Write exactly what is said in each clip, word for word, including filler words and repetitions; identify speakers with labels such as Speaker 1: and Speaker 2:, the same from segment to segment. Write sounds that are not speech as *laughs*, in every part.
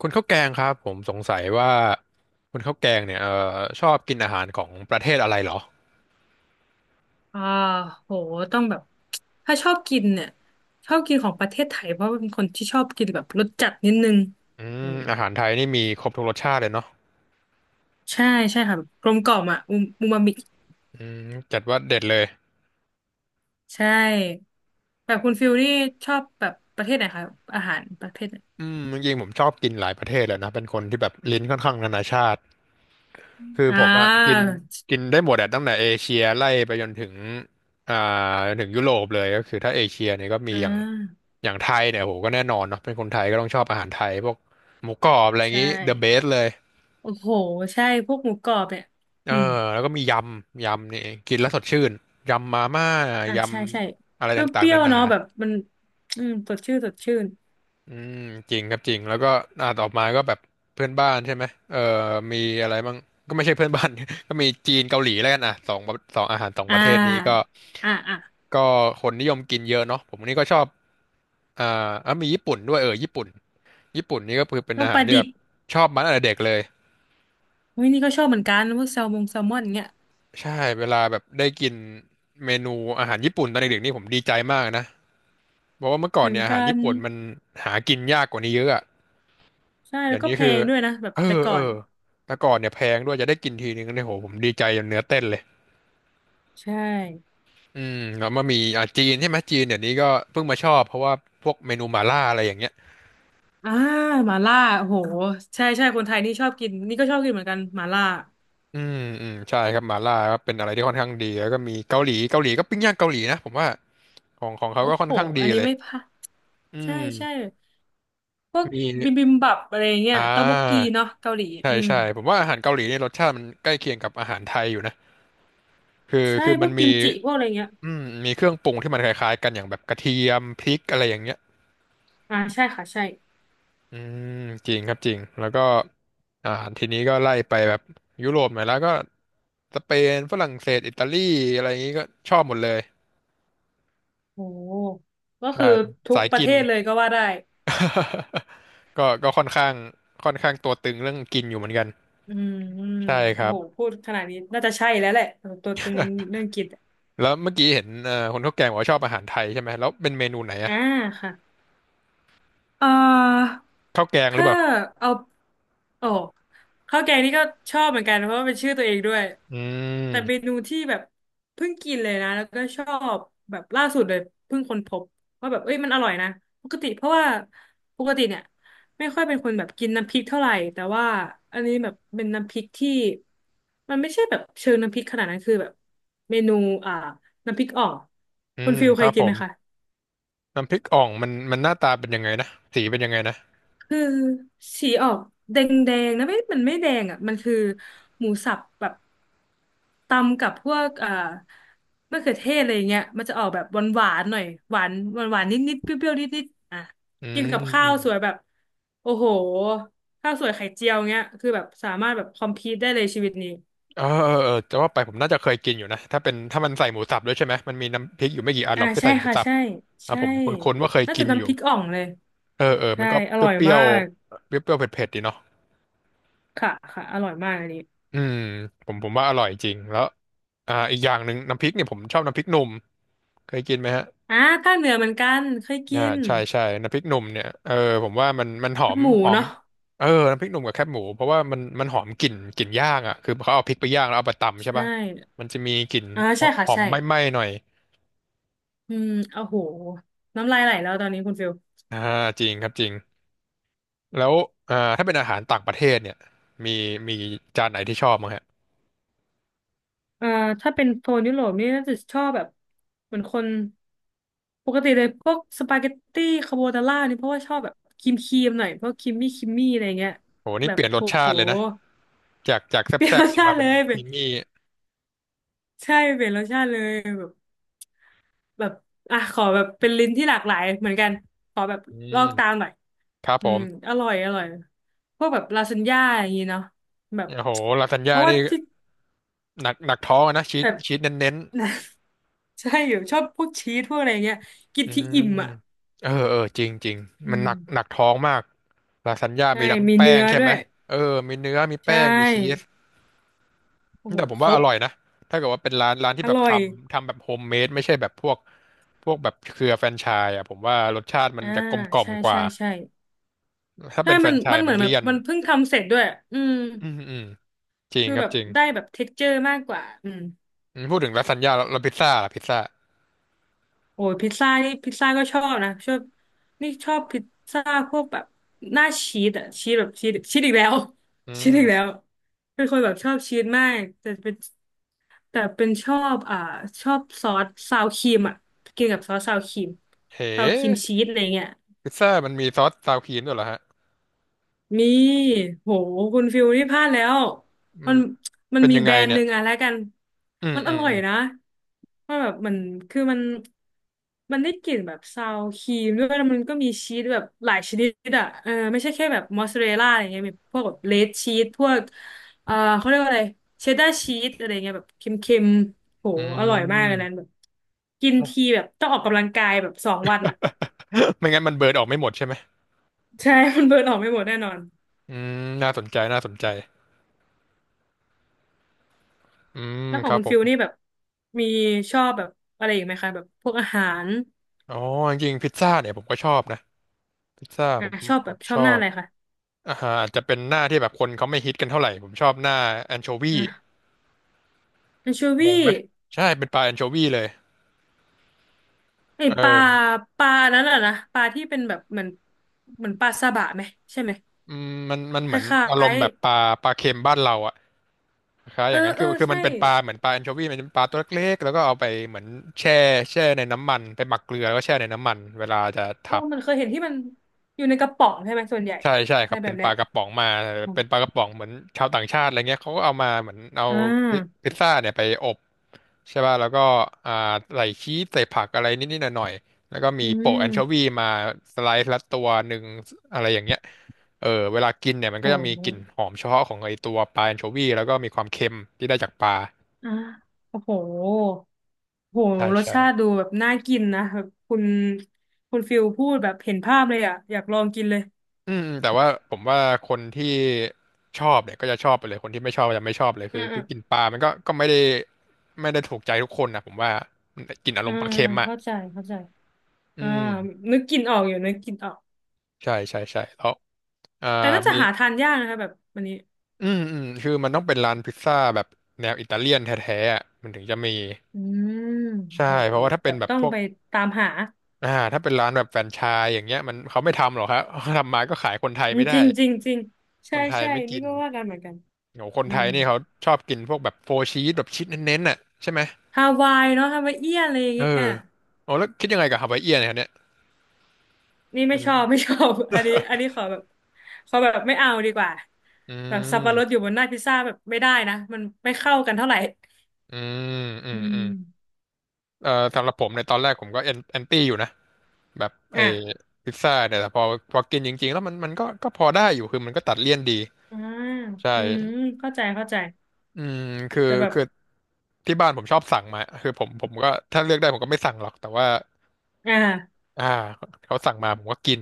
Speaker 1: คุณข้าวแกงครับผมสงสัยว่าคุณข้าวแกงเนี่ยเอ่อชอบกินอาหารของประเทศอะไรเหรอ
Speaker 2: อ่าโหต้องแบบถ้าชอบกินเนี่ยชอบกินของประเทศไทยเพราะว่าเป็นคนที่ชอบกินแบบรสจัดนิดนึง
Speaker 1: อื
Speaker 2: อื
Speaker 1: ม
Speaker 2: ม
Speaker 1: อาหารไทยนี่มีครบทุกรสชาติเลยเนาะ
Speaker 2: ใช่ใช่ค่ะแบบกลมกล่อมอ่ะอูมูมามิ
Speaker 1: อืมจัดว่าเด็ดเลย
Speaker 2: ใช่แบบคุณฟิลนี่ชอบแบบประเทศไหนคะอาหารประเภทไหน
Speaker 1: อืมจริงๆผมชอบกินหลายประเทศเลยนะเป็นคนที่แบบลิ้นค่อนข้างนานาชาติคือ
Speaker 2: อ่
Speaker 1: ผมอะกิน
Speaker 2: า
Speaker 1: กินได้หมดอะตั้งแต่เอเชียไล่ไปจนถึงอ่าจนถึงยุโรปเลยก็คือถ้าเอเชียเนี่ยก็มี
Speaker 2: อ่
Speaker 1: อย่าง
Speaker 2: า
Speaker 1: อย่างไทยเนี่ยโหก็แน่นอนเนาะเป็นคนไทยก็ต้องชอบอาหารไทยพวกหมูกรอบอะไรอย่าง
Speaker 2: ใช่
Speaker 1: งี้ the best เลย
Speaker 2: โอ้โหใช่พวกหมูกรอบเนี่ย
Speaker 1: เออ
Speaker 2: อืม
Speaker 1: แล้วก็มียำยำนี่กินแล้วสดชื่นยำมาม่า
Speaker 2: อ่า
Speaker 1: ย
Speaker 2: ใช่ใช่
Speaker 1: ำอะไรต่า
Speaker 2: เป
Speaker 1: ง
Speaker 2: รี้
Speaker 1: ๆ
Speaker 2: ย
Speaker 1: นา
Speaker 2: วๆ
Speaker 1: นา
Speaker 2: เนาะแบบมันอืมสดชื่นสดชื่น
Speaker 1: อืมจริงครับจริงแล้วก็อ่าต่อมาก็แบบเพื่อนบ้านใช่ไหมเออมีอะไรบ้างก็ไม่ใช่เพื่อนบ้าน *laughs* ก็มีจีนเกาหลีแล้วกันอ่ะสองสองอาหารสองป
Speaker 2: อ่
Speaker 1: ระเทศนี้ก็
Speaker 2: าอ่าอ่า
Speaker 1: ก็คนนิยมกินเยอะเนาะผมนี่ก็ชอบอ่าอ่ะมีญี่ปุ่นด้วยเออญี่ปุ่นญี่ปุ่นนี่ก็คือเป็น
Speaker 2: ลู
Speaker 1: อา
Speaker 2: กป
Speaker 1: หาร
Speaker 2: ลา
Speaker 1: ที่
Speaker 2: ดิ
Speaker 1: แบ
Speaker 2: บ
Speaker 1: บชอบมาตั้งแต่เด็กเลย
Speaker 2: เฮ้ยนี่ก็ชอบเหมือนกันพวกแซลมงแซลมอนเงี้ย
Speaker 1: ใช่เวลาแบบได้กินเมนูอาหารญี่ปุ่นตอนเด็กๆนี่ผมดีใจมากนะ บอกว่าเมื่อก่
Speaker 2: เห
Speaker 1: อน
Speaker 2: มือน
Speaker 1: เนี่ยอา
Speaker 2: กั
Speaker 1: หาร
Speaker 2: น
Speaker 1: ญี่ปุ่นมันหากินยากกว่านี้เยอะอะ
Speaker 2: ใช่
Speaker 1: เดี๋
Speaker 2: แล้
Speaker 1: ย
Speaker 2: ว
Speaker 1: ว
Speaker 2: ก็
Speaker 1: นี้
Speaker 2: แพ
Speaker 1: คือ
Speaker 2: งด้วยนะแบบ
Speaker 1: เออ
Speaker 2: แต่ก่
Speaker 1: เอ
Speaker 2: อ
Speaker 1: อ
Speaker 2: น
Speaker 1: แต่ก่อนเนี่ยแพงด้วยจะได้กินทีนึงเนี่ยโหผมดีใจจนเนื้อเต้นเลย
Speaker 2: ใช่
Speaker 1: อืมแล้วมามีอ่าจีนใช่ไหมจีนเดี๋ยวนี้ก็เพิ่งมาชอบเพราะว่าพวกเมนูหม่าล่าอะไรอย่างเงี้ย
Speaker 2: อ่าหมาล่าโอ้โหใช่ใช่คนไทยนี่ชอบกินนี่ก็ชอบกินเหมือนกันหมาล่า
Speaker 1: อืมอืมใช่ครับหม่าล่าก็เป็นอะไรที่ค่อนข้างดีแล้วก็มีเกาหลีเกาหลีก็ปิ้งย่างเกาหลีนะผมว่าของของเขา
Speaker 2: โอ้
Speaker 1: ก็ค่อ
Speaker 2: โห
Speaker 1: นข้างดี
Speaker 2: อันนี้
Speaker 1: เลย
Speaker 2: ไม่พลาด
Speaker 1: อื
Speaker 2: ใช่
Speaker 1: ม
Speaker 2: ใช่พวก
Speaker 1: มี
Speaker 2: บิมบิมบับอะไรเงี้
Speaker 1: อ่
Speaker 2: ยต๊อกบกกี
Speaker 1: า
Speaker 2: เนาะเกาหลี
Speaker 1: ใช่
Speaker 2: อืม
Speaker 1: ใช่ผมว่าอาหารเกาหลีเนี่ยรสชาติมันใกล้เคียงกับอาหารไทยอยู่นะคือ
Speaker 2: ใช่
Speaker 1: คือ
Speaker 2: พ
Speaker 1: มั
Speaker 2: ว
Speaker 1: น
Speaker 2: กกิ
Speaker 1: มี
Speaker 2: มจิพวกอะไรเงี้ย
Speaker 1: อืมมีเครื่องปรุงที่มันคล้ายๆกันอย่างแบบกระเทียมพริกอะไรอย่างเงี้ย
Speaker 2: อ่าใช่ค่ะใช่
Speaker 1: อืมจริงครับจริงแล้วก็อ่าทีนี้ก็ไล่ไปแบบยุโรปหน่อยแล้วก็สเปนฝรั่งเศสอิตาลีอะไรอย่างงี้ก็ชอบหมดเลย
Speaker 2: โอ้โหก็
Speaker 1: ใช่
Speaker 2: คือ
Speaker 1: เป็น
Speaker 2: ทุก
Speaker 1: สาย
Speaker 2: ประ
Speaker 1: กิ
Speaker 2: เท
Speaker 1: น
Speaker 2: ศเลยก็ว่าได้
Speaker 1: *laughs* ก็ก็ค่อนข้างค่อนข้างตัวตึงเรื่องกินอยู่เหมือนกัน
Speaker 2: อืมอืม
Speaker 1: ใช่ค
Speaker 2: โอ้
Speaker 1: รับ
Speaker 2: โหพูดขนาดนี้น่าจะใช่แล้วแหละตัวตึงเรื่องกิน
Speaker 1: แล้วเมื่อกี้เห็นเอ่อคนข้าวแกงบอกว่าชอบอาหารไทยใช่ไหมแล้วเป็นเมนูไหนอะ
Speaker 2: อ่าค่ะเอ่อ
Speaker 1: ข้าวแกงหรือ
Speaker 2: ถ้า
Speaker 1: เปล่า
Speaker 2: เอาโอ้ข้าวแกงนี่ก็ชอบเหมือนกันเพราะว่าเป็นชื่อตัวเองด้วย
Speaker 1: อื
Speaker 2: แต่เม
Speaker 1: ม
Speaker 2: นูที่แบบเพิ่งกินเลยนะแล้วก็ชอบแบบล่าสุดเลยเพิ่งค้นพบว่าแบบเอ้ยมันอร่อยนะปกติเพราะว่าปกติเนี่ยไม่ค่อยเป็นคนแบบกินน้ำพริกเท่าไหร่แต่ว่าอันนี้แบบเป็นน้ำพริกที่มันไม่ใช่แบบเชิงน้ำพริกขนาดนั้นคือแบบเมนูอ่าน้ำพริกอ่อง
Speaker 1: อื
Speaker 2: คุณ
Speaker 1: ม
Speaker 2: ฟิล
Speaker 1: ค
Speaker 2: เค
Speaker 1: รั
Speaker 2: ย
Speaker 1: บ
Speaker 2: กิ
Speaker 1: ผ
Speaker 2: นไหม
Speaker 1: ม
Speaker 2: คะ
Speaker 1: น้ำพริกอ่องมันมันหน้าตาเป็นยังไงนะสีเป็นยังไงนะ
Speaker 2: คือสีออกแดงแดงนะไม่มันไม่แดงอ่ะมันคือหมูสับแบบตำกับพวกเอ่อมะเขือเทศอะไรอย่างเงี้ยมันจะออกแบบหวานหวานหน่อยหวานหวานหวานนิดนิดเปรี้ยวเปรี้ยวนิดนิดอ่ะ
Speaker 1: อื
Speaker 2: กิน
Speaker 1: ม
Speaker 2: กับข้า
Speaker 1: อื
Speaker 2: ว
Speaker 1: ม
Speaker 2: สวยแบบโอ้โหข้าวสวยไข่เจียวเงี้ยคือแบบสามารถแบบคอมพีทได้เลยชีวิตนี้
Speaker 1: เออเออเออจะว่าไปผมน่าจะเคยกินอยู่นะถ้าเป็นถ้ามันใส่หมูสับด้วยใช่ไหมมันมีน้ำพริกอยู่ไม่กี่อันห
Speaker 2: อ่า
Speaker 1: รอกที่
Speaker 2: ใช่
Speaker 1: ใส่หมู
Speaker 2: ค่ะ
Speaker 1: สับ
Speaker 2: ใช่
Speaker 1: อ่ะ
Speaker 2: ใช่
Speaker 1: ผมคุ้นๆว่าเคย
Speaker 2: น่า
Speaker 1: กิ
Speaker 2: จะ
Speaker 1: นอ
Speaker 2: น้ำพ
Speaker 1: ยู่
Speaker 2: ริกอ่องเลย
Speaker 1: เออเออมั
Speaker 2: ใช่
Speaker 1: นก็
Speaker 2: อร่อย
Speaker 1: เปรี้ย
Speaker 2: มา
Speaker 1: ว
Speaker 2: ก
Speaker 1: ๆเปรี้ยวๆเผ็ดๆดีเนาะ
Speaker 2: ค่ะค่ะอร่อยมากอันนี้
Speaker 1: อืมผมผมว่าอร่อยจริงแล้วอ่าอีกอย่างหนึ่งน้ำพริกเนี่ยผมชอบน้ำพริกหนุ่มเคยกินไหมฮะ
Speaker 2: อ่าภาคเหนือเหมือนกันเคยกิ
Speaker 1: อ่า
Speaker 2: น
Speaker 1: ใช่ใช่น้ำพริกหนุ่มเนี่ยเออผมว่ามันมันหอ
Speaker 2: ลาบ
Speaker 1: ม
Speaker 2: หมู
Speaker 1: หอม
Speaker 2: เนาะ
Speaker 1: เออน้ำพริกหนุ่มกับแคบหมูเพราะว่ามันมันหอมกลิ่นกลิ่นย่างอ่ะคือเขาเอาพริกไปย่างแล้วเอาไปตำใช่
Speaker 2: ใช่
Speaker 1: ป่ะมันจะมีกลิ่น
Speaker 2: อ่าใช่ค่ะ
Speaker 1: หอม
Speaker 2: ใช่
Speaker 1: ไหม้ๆหน่อย
Speaker 2: อืมโอ้โหน้ำลายไหลแล้วตอนนี้คุณฟิล
Speaker 1: อ่าจริงครับจริงแล้วอ่าถ้าเป็นอาหารต่างประเทศเนี่ยมีมีจานไหนที่ชอบมั้งฮะ
Speaker 2: เอ่าถ้าเป็นโซนยุโรปนี่น่าจะชอบแบบเหมือนคนปกติเลยพวกสปาเกตตี้คาโบนาร่านี่เพราะว่าชอบแบบครีมครีมหน่อยเพราะครีมมี่ครีมมี่อะไรเงี้ย
Speaker 1: โหนี่
Speaker 2: แบ
Speaker 1: เป
Speaker 2: บ
Speaker 1: ลี่ยนร
Speaker 2: โ
Speaker 1: สชา
Speaker 2: ห
Speaker 1: ติเลยนะจากจากแซ
Speaker 2: เปลี่ยน
Speaker 1: ่
Speaker 2: ร
Speaker 1: บๆ
Speaker 2: ส
Speaker 1: เนี่ย
Speaker 2: ชา
Speaker 1: มา
Speaker 2: ติเล
Speaker 1: เป็น
Speaker 2: ย
Speaker 1: ค
Speaker 2: เป็น
Speaker 1: รีมมี่
Speaker 2: ใช่เปลี่ยนรสชาติเลยแบบ แบบอ่ะขอแบบเป็นลิ้นที่หลากหลายเหมือนกันขอแบบ
Speaker 1: อื
Speaker 2: ลอ
Speaker 1: ม
Speaker 2: กตามหน่อย
Speaker 1: ครับผ
Speaker 2: อืม
Speaker 1: ม
Speaker 2: อร่อยอร่อยพวกแบบลาซานญ่าอย่างงี้เนาะแบบ
Speaker 1: โอ้โหลาซาน
Speaker 2: เพ
Speaker 1: ญ่า
Speaker 2: ราะว่า
Speaker 1: นี่
Speaker 2: ที่
Speaker 1: หนักหนักท้องอะนะชี
Speaker 2: แบ
Speaker 1: ส
Speaker 2: บ
Speaker 1: ชีสเน้น
Speaker 2: *laughs* ใช่อยู่ชอบพวกชีสพวกอะไรเงี้ยกิ
Speaker 1: ๆ
Speaker 2: น
Speaker 1: อื
Speaker 2: ที่อิ่ม
Speaker 1: ม
Speaker 2: อ่ะ
Speaker 1: เออเออจริงจริง
Speaker 2: อื
Speaker 1: มันห
Speaker 2: ม
Speaker 1: นักหนักท้องมากลาซานญ่า
Speaker 2: ใช่
Speaker 1: มีทั้ง
Speaker 2: มี
Speaker 1: แป้
Speaker 2: เนื้
Speaker 1: ง
Speaker 2: อ
Speaker 1: ใช่
Speaker 2: ด้
Speaker 1: ไห
Speaker 2: ว
Speaker 1: ม
Speaker 2: ย
Speaker 1: เออมีเนื้อมี
Speaker 2: ใช
Speaker 1: แป้งมีชีส
Speaker 2: ่โอ้โห
Speaker 1: แต่ผม
Speaker 2: ค
Speaker 1: ว่า
Speaker 2: ร
Speaker 1: อ
Speaker 2: บ
Speaker 1: ร่อยนะ ถ้าเกิดว่าเป็นร้านร้านที่
Speaker 2: อ
Speaker 1: แบบ
Speaker 2: ร่อ
Speaker 1: ท
Speaker 2: ย
Speaker 1: ำทำแบบโฮมเมดไม่ใช่แบบพวกพวกแบบเครือแฟรนไชส์อ่ะผมว่ารสชาติมัน
Speaker 2: อ่า
Speaker 1: จะกลมกล่อม
Speaker 2: ใช่
Speaker 1: กว่า
Speaker 2: ใช่ใช่
Speaker 1: ถ้า
Speaker 2: ใช่
Speaker 1: เป็นแฟร
Speaker 2: มัน
Speaker 1: นไช
Speaker 2: มัน
Speaker 1: ส์
Speaker 2: เห
Speaker 1: มั
Speaker 2: มือ
Speaker 1: น
Speaker 2: นแบบ
Speaker 1: เลี่ยน
Speaker 2: มันเพิ่งทำเสร็จด้วยอืม
Speaker 1: อืมอืมจริง
Speaker 2: คือ
Speaker 1: ครั
Speaker 2: แบ
Speaker 1: บ
Speaker 2: บ
Speaker 1: จริง
Speaker 2: ได้แบบเท็กเจอร์มากกว่าอืม
Speaker 1: อืมพูดถึงลาซานญ่าแล้วแล้วพิซซ่าล่ะพิซซ่า
Speaker 2: โอ้ยพิซซ่านี่พิซซ่าก็ชอบนะชอบนี่ชอบพิซซ่าพวกแบบหน้าชีสอะชีสแบบชีสชีสอีกแล้ว
Speaker 1: อื
Speaker 2: *laughs* ชีส
Speaker 1: ม
Speaker 2: อีกแล้วเป็นคนแบบชอบชีสมากแต่เป็นแต่เป็นชอบอ่าชอบซอสซาวครีมอะกินกับซอสซาวครีม
Speaker 1: เฮ
Speaker 2: ซาวครีม
Speaker 1: ้
Speaker 2: ชีสอะไรเงี้ย
Speaker 1: พิซซ่ามันมีซอสซาวครีมด้วยเหรอฮะ
Speaker 2: มีโห คุณฟิลนี่พลาดแล้ว
Speaker 1: มั
Speaker 2: มัน
Speaker 1: น
Speaker 2: มัน
Speaker 1: เป็น
Speaker 2: มี
Speaker 1: ยัง
Speaker 2: แบ
Speaker 1: ไง
Speaker 2: รนด์ห
Speaker 1: เนี่ย
Speaker 2: นึ่งอะแล้วกัน
Speaker 1: อืม
Speaker 2: มัน
Speaker 1: อื
Speaker 2: อ
Speaker 1: ม
Speaker 2: ร่อ
Speaker 1: อื
Speaker 2: ย
Speaker 1: ม
Speaker 2: นะมันแบบมันคือมัน มันได้กลิ่นแบบซาวครีมด้วยแล้วมันก็มีชีสแบบหลายชนิดอะเออไม่ใช่แค่แบบมอสซาเรลล่าอะไรเงี้ยมีพวกแบบเลดชีสพวกเออเขาเรียกว่าอะไรเชดดาร์ชีสอะไรเงี้ยแบบเค็มๆโห
Speaker 1: อื
Speaker 2: อร่อยมากเลยนั้นแบ
Speaker 1: ม
Speaker 2: บกินทีแบบต้องออกกำลังกายแบบสองวันอะ
Speaker 1: *laughs* ไม่งั้นมันเบิร์ดออกไม่หมดใช่ไหม
Speaker 2: *laughs* ใช่ *laughs* มันเบิร์นออกไม่หมดแน่นอน
Speaker 1: อืมน่าสนใจน่าสนใจอืม
Speaker 2: แล้วข
Speaker 1: ค
Speaker 2: อง
Speaker 1: รับ
Speaker 2: คุณ
Speaker 1: ผ
Speaker 2: ฟิ
Speaker 1: ม
Speaker 2: ลนี่แบบมีชอบแบบอะไรอีกไหมคะแบบพวกอาหาร
Speaker 1: อ๋อจริงๆพิซซ่าเนี่ยผมก็ชอบนะ พิซซ่าผ
Speaker 2: อ่ะ
Speaker 1: ม
Speaker 2: ชอบ
Speaker 1: ผ
Speaker 2: แบบ
Speaker 1: ม
Speaker 2: ช
Speaker 1: ช
Speaker 2: อบ
Speaker 1: อ
Speaker 2: หน้า
Speaker 1: บ
Speaker 2: อะไรคะ
Speaker 1: อาหารอาจจะเป็นหน้าที่แบบคนเขาไม่ฮิตกันเท่าไหร่ผมชอบหน้าแอนโชวี
Speaker 2: อ่ะแอนโช
Speaker 1: ง
Speaker 2: วี
Speaker 1: งไหมใช่เป็นปลาแอนโชวีเลย
Speaker 2: ไอ
Speaker 1: เออ
Speaker 2: ปลาปลานั้นแหละนะปลาที่เป็นแบบเหมือนเหมือนปลาซาบะไหมใช่ไหม
Speaker 1: อืมมันมัน
Speaker 2: ค
Speaker 1: เหมือน
Speaker 2: ล้า
Speaker 1: อารม
Speaker 2: ย
Speaker 1: ณ์แบบปลาปลาเค็มบ้านเราอะคล้าย
Speaker 2: ๆ
Speaker 1: อ
Speaker 2: เออ
Speaker 1: ย่างนั้น
Speaker 2: เอ
Speaker 1: คือ
Speaker 2: อ
Speaker 1: คือมั
Speaker 2: ใช่
Speaker 1: นเป็นปลาเหมือนปลาแอนโชวีมันเป็นปลาตัวเล็กๆแล้วก็เอาไปเหมือนแช่แช่ในน้ำมันไปหมักเกลือแล้วก็แช่ในน้ำมันเวลาจะ
Speaker 2: เออ
Speaker 1: ทำ
Speaker 2: มันเคยเห็นที่มันอยู่ในกระป๋องใช่ไหมส่วนใหญ่
Speaker 1: ใช่ใช่ค
Speaker 2: อะไร
Speaker 1: รับ
Speaker 2: แบ
Speaker 1: เป็น
Speaker 2: บ
Speaker 1: ป
Speaker 2: เนี้
Speaker 1: ลา
Speaker 2: ย
Speaker 1: กระป๋องมา
Speaker 2: อม
Speaker 1: เป็นปลากระป๋องเหมือนชาวต่างชาติอะไรเงี้ยเขาก็เอามาเหมือนเอา
Speaker 2: อ่
Speaker 1: พิ
Speaker 2: า
Speaker 1: พิซซ่าเนี่ยไปอบใช่ป่ะแล้วก็อ่าใส่ชีสใส่ผักอะไรนิดๆหน่อยๆแล้วก็มี
Speaker 2: อื
Speaker 1: โปะแอนโชวี
Speaker 2: ม
Speaker 1: มาสไลซ์ละตัวหนึ่งอะไรอย่างเงี้ยเออเวลากินเนี่ยมัน
Speaker 2: โห
Speaker 1: ก็จะมีกลิ่นหอมเฉพาะของไอตัวปลาแอนโชวีแล้วก็มีความเค็มที่ได้จากปลา
Speaker 2: อ่าโอ้โห โห
Speaker 1: ใช่
Speaker 2: รส
Speaker 1: ใช่
Speaker 2: ชาติดูแบบน่ากินนะแบบคุณคุณฟิลพูดแบบเห็นภาพเลยอ่ะอยากลองกินเลย
Speaker 1: อืมแต่ว่าผมว่าคนที่ชอบเนี่ยก็จะชอบไปเลยคนที่ไม่ชอบก็จะไม่ชอบเลย
Speaker 2: อื
Speaker 1: คือ
Speaker 2: มอื
Speaker 1: คือ
Speaker 2: ม
Speaker 1: กินปลามันก็ก็ไม่ได้ไม่ได้ถูกใจทุกคนนะผมว่ามันกินอาร
Speaker 2: อื
Speaker 1: มณ์ปลา
Speaker 2: ม
Speaker 1: เค็มอ่ะ
Speaker 2: เข้าใจเข้าใจ
Speaker 1: อื
Speaker 2: อ่า
Speaker 1: ม
Speaker 2: นึกกินออกอยู่นึกกินออก
Speaker 1: ใช่ใช่ใช่แล้วอ่า
Speaker 2: แต่น่าจะ
Speaker 1: มี
Speaker 2: หาทานยากนะคะแบบวันนี้
Speaker 1: อืมอืมคือมันต้องเป็นร้านพิซซ่าแบบแนวอิตาเลียนแท้ๆอะมันถึงจะมี
Speaker 2: อืม
Speaker 1: ใช่
Speaker 2: โห
Speaker 1: เพราะ
Speaker 2: แบ
Speaker 1: ว่า
Speaker 2: บ
Speaker 1: ถ้าเป็
Speaker 2: แบ
Speaker 1: น
Speaker 2: บ
Speaker 1: แบบ
Speaker 2: ต้อ
Speaker 1: พ
Speaker 2: ง
Speaker 1: วก
Speaker 2: ไปตามหา
Speaker 1: อ่าถ้าเป็นร้านแบบแฟรนไชส์อย่างเงี้ยมันเขาไม่ทำหรอกครับ *laughs* ทำมาก็ขายคนไทย
Speaker 2: อืม
Speaker 1: ไม่ได้
Speaker 2: จริงจริงจริง
Speaker 1: ค
Speaker 2: ใช่
Speaker 1: นไทย
Speaker 2: ใช่
Speaker 1: ไม่กิ
Speaker 2: นี่
Speaker 1: น
Speaker 2: ก็ว่ากันเหมือนกัน
Speaker 1: โหคน
Speaker 2: อื
Speaker 1: ไทย
Speaker 2: ม
Speaker 1: นี่เขาชอบกินพวกแบบโฟร์ชีสแบบชีสเน้นๆน่ะใช่ไหม
Speaker 2: ฮาวายเนาะฮาวายเอี้ยนอะไรอย่าง
Speaker 1: เอ
Speaker 2: เงี้ย
Speaker 1: ออ๋อแล้วคิดยังไงกับฮาวายเอียนเนี่ยครับเนี่ย
Speaker 2: นี่ไม่
Speaker 1: เป็น
Speaker 2: ชอบ *laughs* ไม่ชอบ *laughs* อันนี้อันนี้ขอแบบขอแบบไม่เอาดีกว่า
Speaker 1: อื
Speaker 2: แบบสับปะรดอ
Speaker 1: ม
Speaker 2: ยู่บนหน้าพิซซ่าแบบไม่ได้นะมันไม่เข้ากันเท่าไหร่
Speaker 1: อืมอื
Speaker 2: อื
Speaker 1: มอื
Speaker 2: ม
Speaker 1: มเอ่อสำหรับผมในยตอนแรกผมก็แอนแอนตี้อยู่นะ แบบไอ้
Speaker 2: อ่ะ
Speaker 1: พิซซ่าเนี่ยแต่พอพอกินจริงๆแล้วมันมันก็ก็พอได้อยู่คือมันก็ตัดเลี่ยนดี
Speaker 2: อ่า
Speaker 1: ใช่
Speaker 2: อืมเข้าใจเข้าใจ
Speaker 1: อืมคือ
Speaker 2: แต่แบบ
Speaker 1: คือที่บ้านผมชอบสั่งมาคือผมผมก็ถ้าเลือกได้ผมก็ไม่สั่งหรอก แต่ว่า
Speaker 2: อ่า
Speaker 1: อ่าเขาสั่งมาผมก็กิน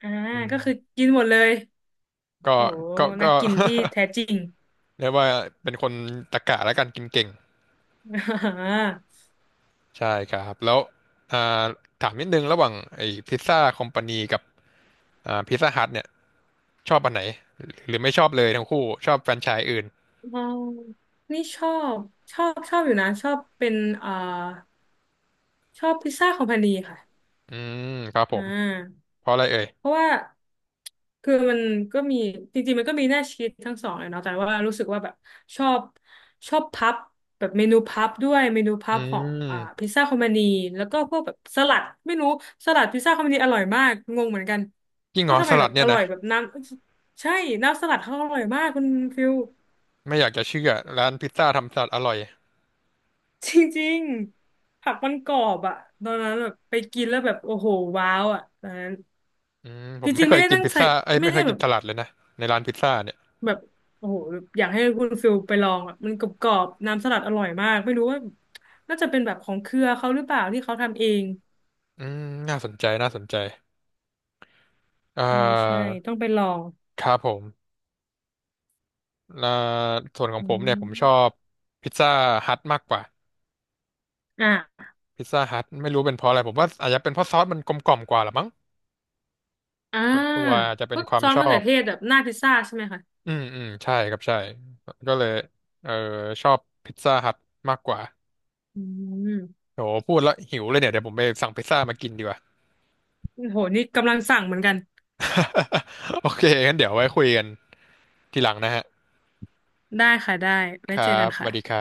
Speaker 2: อ่า
Speaker 1: อื
Speaker 2: ก็
Speaker 1: ม
Speaker 2: คือกินหมดเลย
Speaker 1: ก็
Speaker 2: โห
Speaker 1: ก็
Speaker 2: นั
Speaker 1: ก็
Speaker 2: กกินที่
Speaker 1: *laughs*
Speaker 2: แท้จริง
Speaker 1: เรียกว่าเป็นคนตะกะและกันกินเก่ง
Speaker 2: *laughs* อ่า
Speaker 1: ใช่ครับแล้วอ่าถามนิดนึงระหว่างไอ้พิซซ่าคอมพานีกับอ่าพิซซ่าฮัทเนี่ยชอบอันไหนหรือไม่ชอบเลยทั้งคู่ชอบแฟรนไชส์อื่น
Speaker 2: เรานี่ชอบชอบชอบอยู่นะชอบเป็นเอ่อชอบพิซซ่าคอมพานีค่ะ
Speaker 1: อืมครับผ
Speaker 2: อ่
Speaker 1: ม
Speaker 2: า
Speaker 1: เพราะอะไรเอ่ย
Speaker 2: เพราะว่าคือมันก็มีจริงๆมันก็มีหน้าชีสทั้งสองเลยเนาะแต่ว่ารู้สึกว่าแบบชอบชอบพับแบบเมนูพับด้วยเมนู
Speaker 1: อื
Speaker 2: พับของอ่า
Speaker 1: ม
Speaker 2: พิซซ่าคอมมานีแล้วก็พวกแบบสลัดไม่รู้สลัดพิซซ่าคอมมานีอร่อยมากงงเหมือนกัน
Speaker 1: ยิ่งเหร
Speaker 2: ว่า
Speaker 1: อ
Speaker 2: ทำ
Speaker 1: ส
Speaker 2: ไมแบ
Speaker 1: ลัด
Speaker 2: บ
Speaker 1: เนี่
Speaker 2: อ
Speaker 1: ย
Speaker 2: ร่อ
Speaker 1: นะ
Speaker 2: ยแบบน้ำใช่น้ำสลัดเขาอร่อยมากคุณฟิล
Speaker 1: ไม่อยากจะเชื่อร้านพิซซ่าทำสลัดอร่อย
Speaker 2: จริงๆผักมันกรอบอะตอนนั้นแบบไปกินแล้วแบบโอ้โหว้าวอะตอนนั้น
Speaker 1: อืมผ
Speaker 2: จ
Speaker 1: มไม่
Speaker 2: ริงๆ
Speaker 1: เค
Speaker 2: ไม่
Speaker 1: ย
Speaker 2: ได้
Speaker 1: กิน
Speaker 2: ตั้ง
Speaker 1: พิซ
Speaker 2: ใจ
Speaker 1: ซ่าเอ้ย
Speaker 2: ไม่
Speaker 1: ไม่เค
Speaker 2: ได้
Speaker 1: ย
Speaker 2: แบ
Speaker 1: กิน
Speaker 2: บ
Speaker 1: สลัดเลยนะในร้านพิซซ่าเนี่ย
Speaker 2: แบบโอ้โหแบบอยากให้คุณฟิลไปลองอ่ะมันกรอบๆน้ำสลัดอร่อยมากไม่รู้ว่าน่าจะเป็นแบบของเครือเขาหรือเปล่าที่เขาทำเอง
Speaker 1: อืมน่าสนใจน่าสนใจอ่
Speaker 2: ไม่ใช่
Speaker 1: า
Speaker 2: ต้องไปลอง
Speaker 1: ครับผมอ่าส่วนของ
Speaker 2: อื
Speaker 1: ผมเนี่ยผมชอ
Speaker 2: ม
Speaker 1: บพิซซ่าฮัทมากกว่า
Speaker 2: อ่ะ
Speaker 1: พิซซ่าฮัทไม่รู้เป็นเพราะอะไรผมว่าอาจจะเป็นเพราะซอสมันกลมกล่อมกว่าหรือมั้ง
Speaker 2: อ่า
Speaker 1: ตัวอาจจะ
Speaker 2: พ
Speaker 1: เป็น
Speaker 2: วก
Speaker 1: ควา
Speaker 2: ซ
Speaker 1: ม
Speaker 2: อส
Speaker 1: ชอ
Speaker 2: มะเขื
Speaker 1: บ
Speaker 2: อเทศแบบหน้าพิซซ่าใช่ไหมคะ
Speaker 1: อืมอืมใช่ครับใช่ก็เลยเออชอบพิซซ่าฮัทมากกว่า
Speaker 2: อืม
Speaker 1: โหพูดแล้วหิวเลยเนี่ยเดี๋ยวผมไปสั่งพิซซ่ามากินดีกว่า
Speaker 2: โอ้โหนี่กำลังสั่งเหมือนกัน
Speaker 1: *laughs* โอเคงั้นเดี๋ยวไว้คุยกันทีหลังนะฮะ
Speaker 2: ได้ค่ะได้
Speaker 1: ค
Speaker 2: ไว้
Speaker 1: รั
Speaker 2: เจอกั
Speaker 1: บ
Speaker 2: น
Speaker 1: สวัสดี
Speaker 2: ค่ะ
Speaker 1: ครับ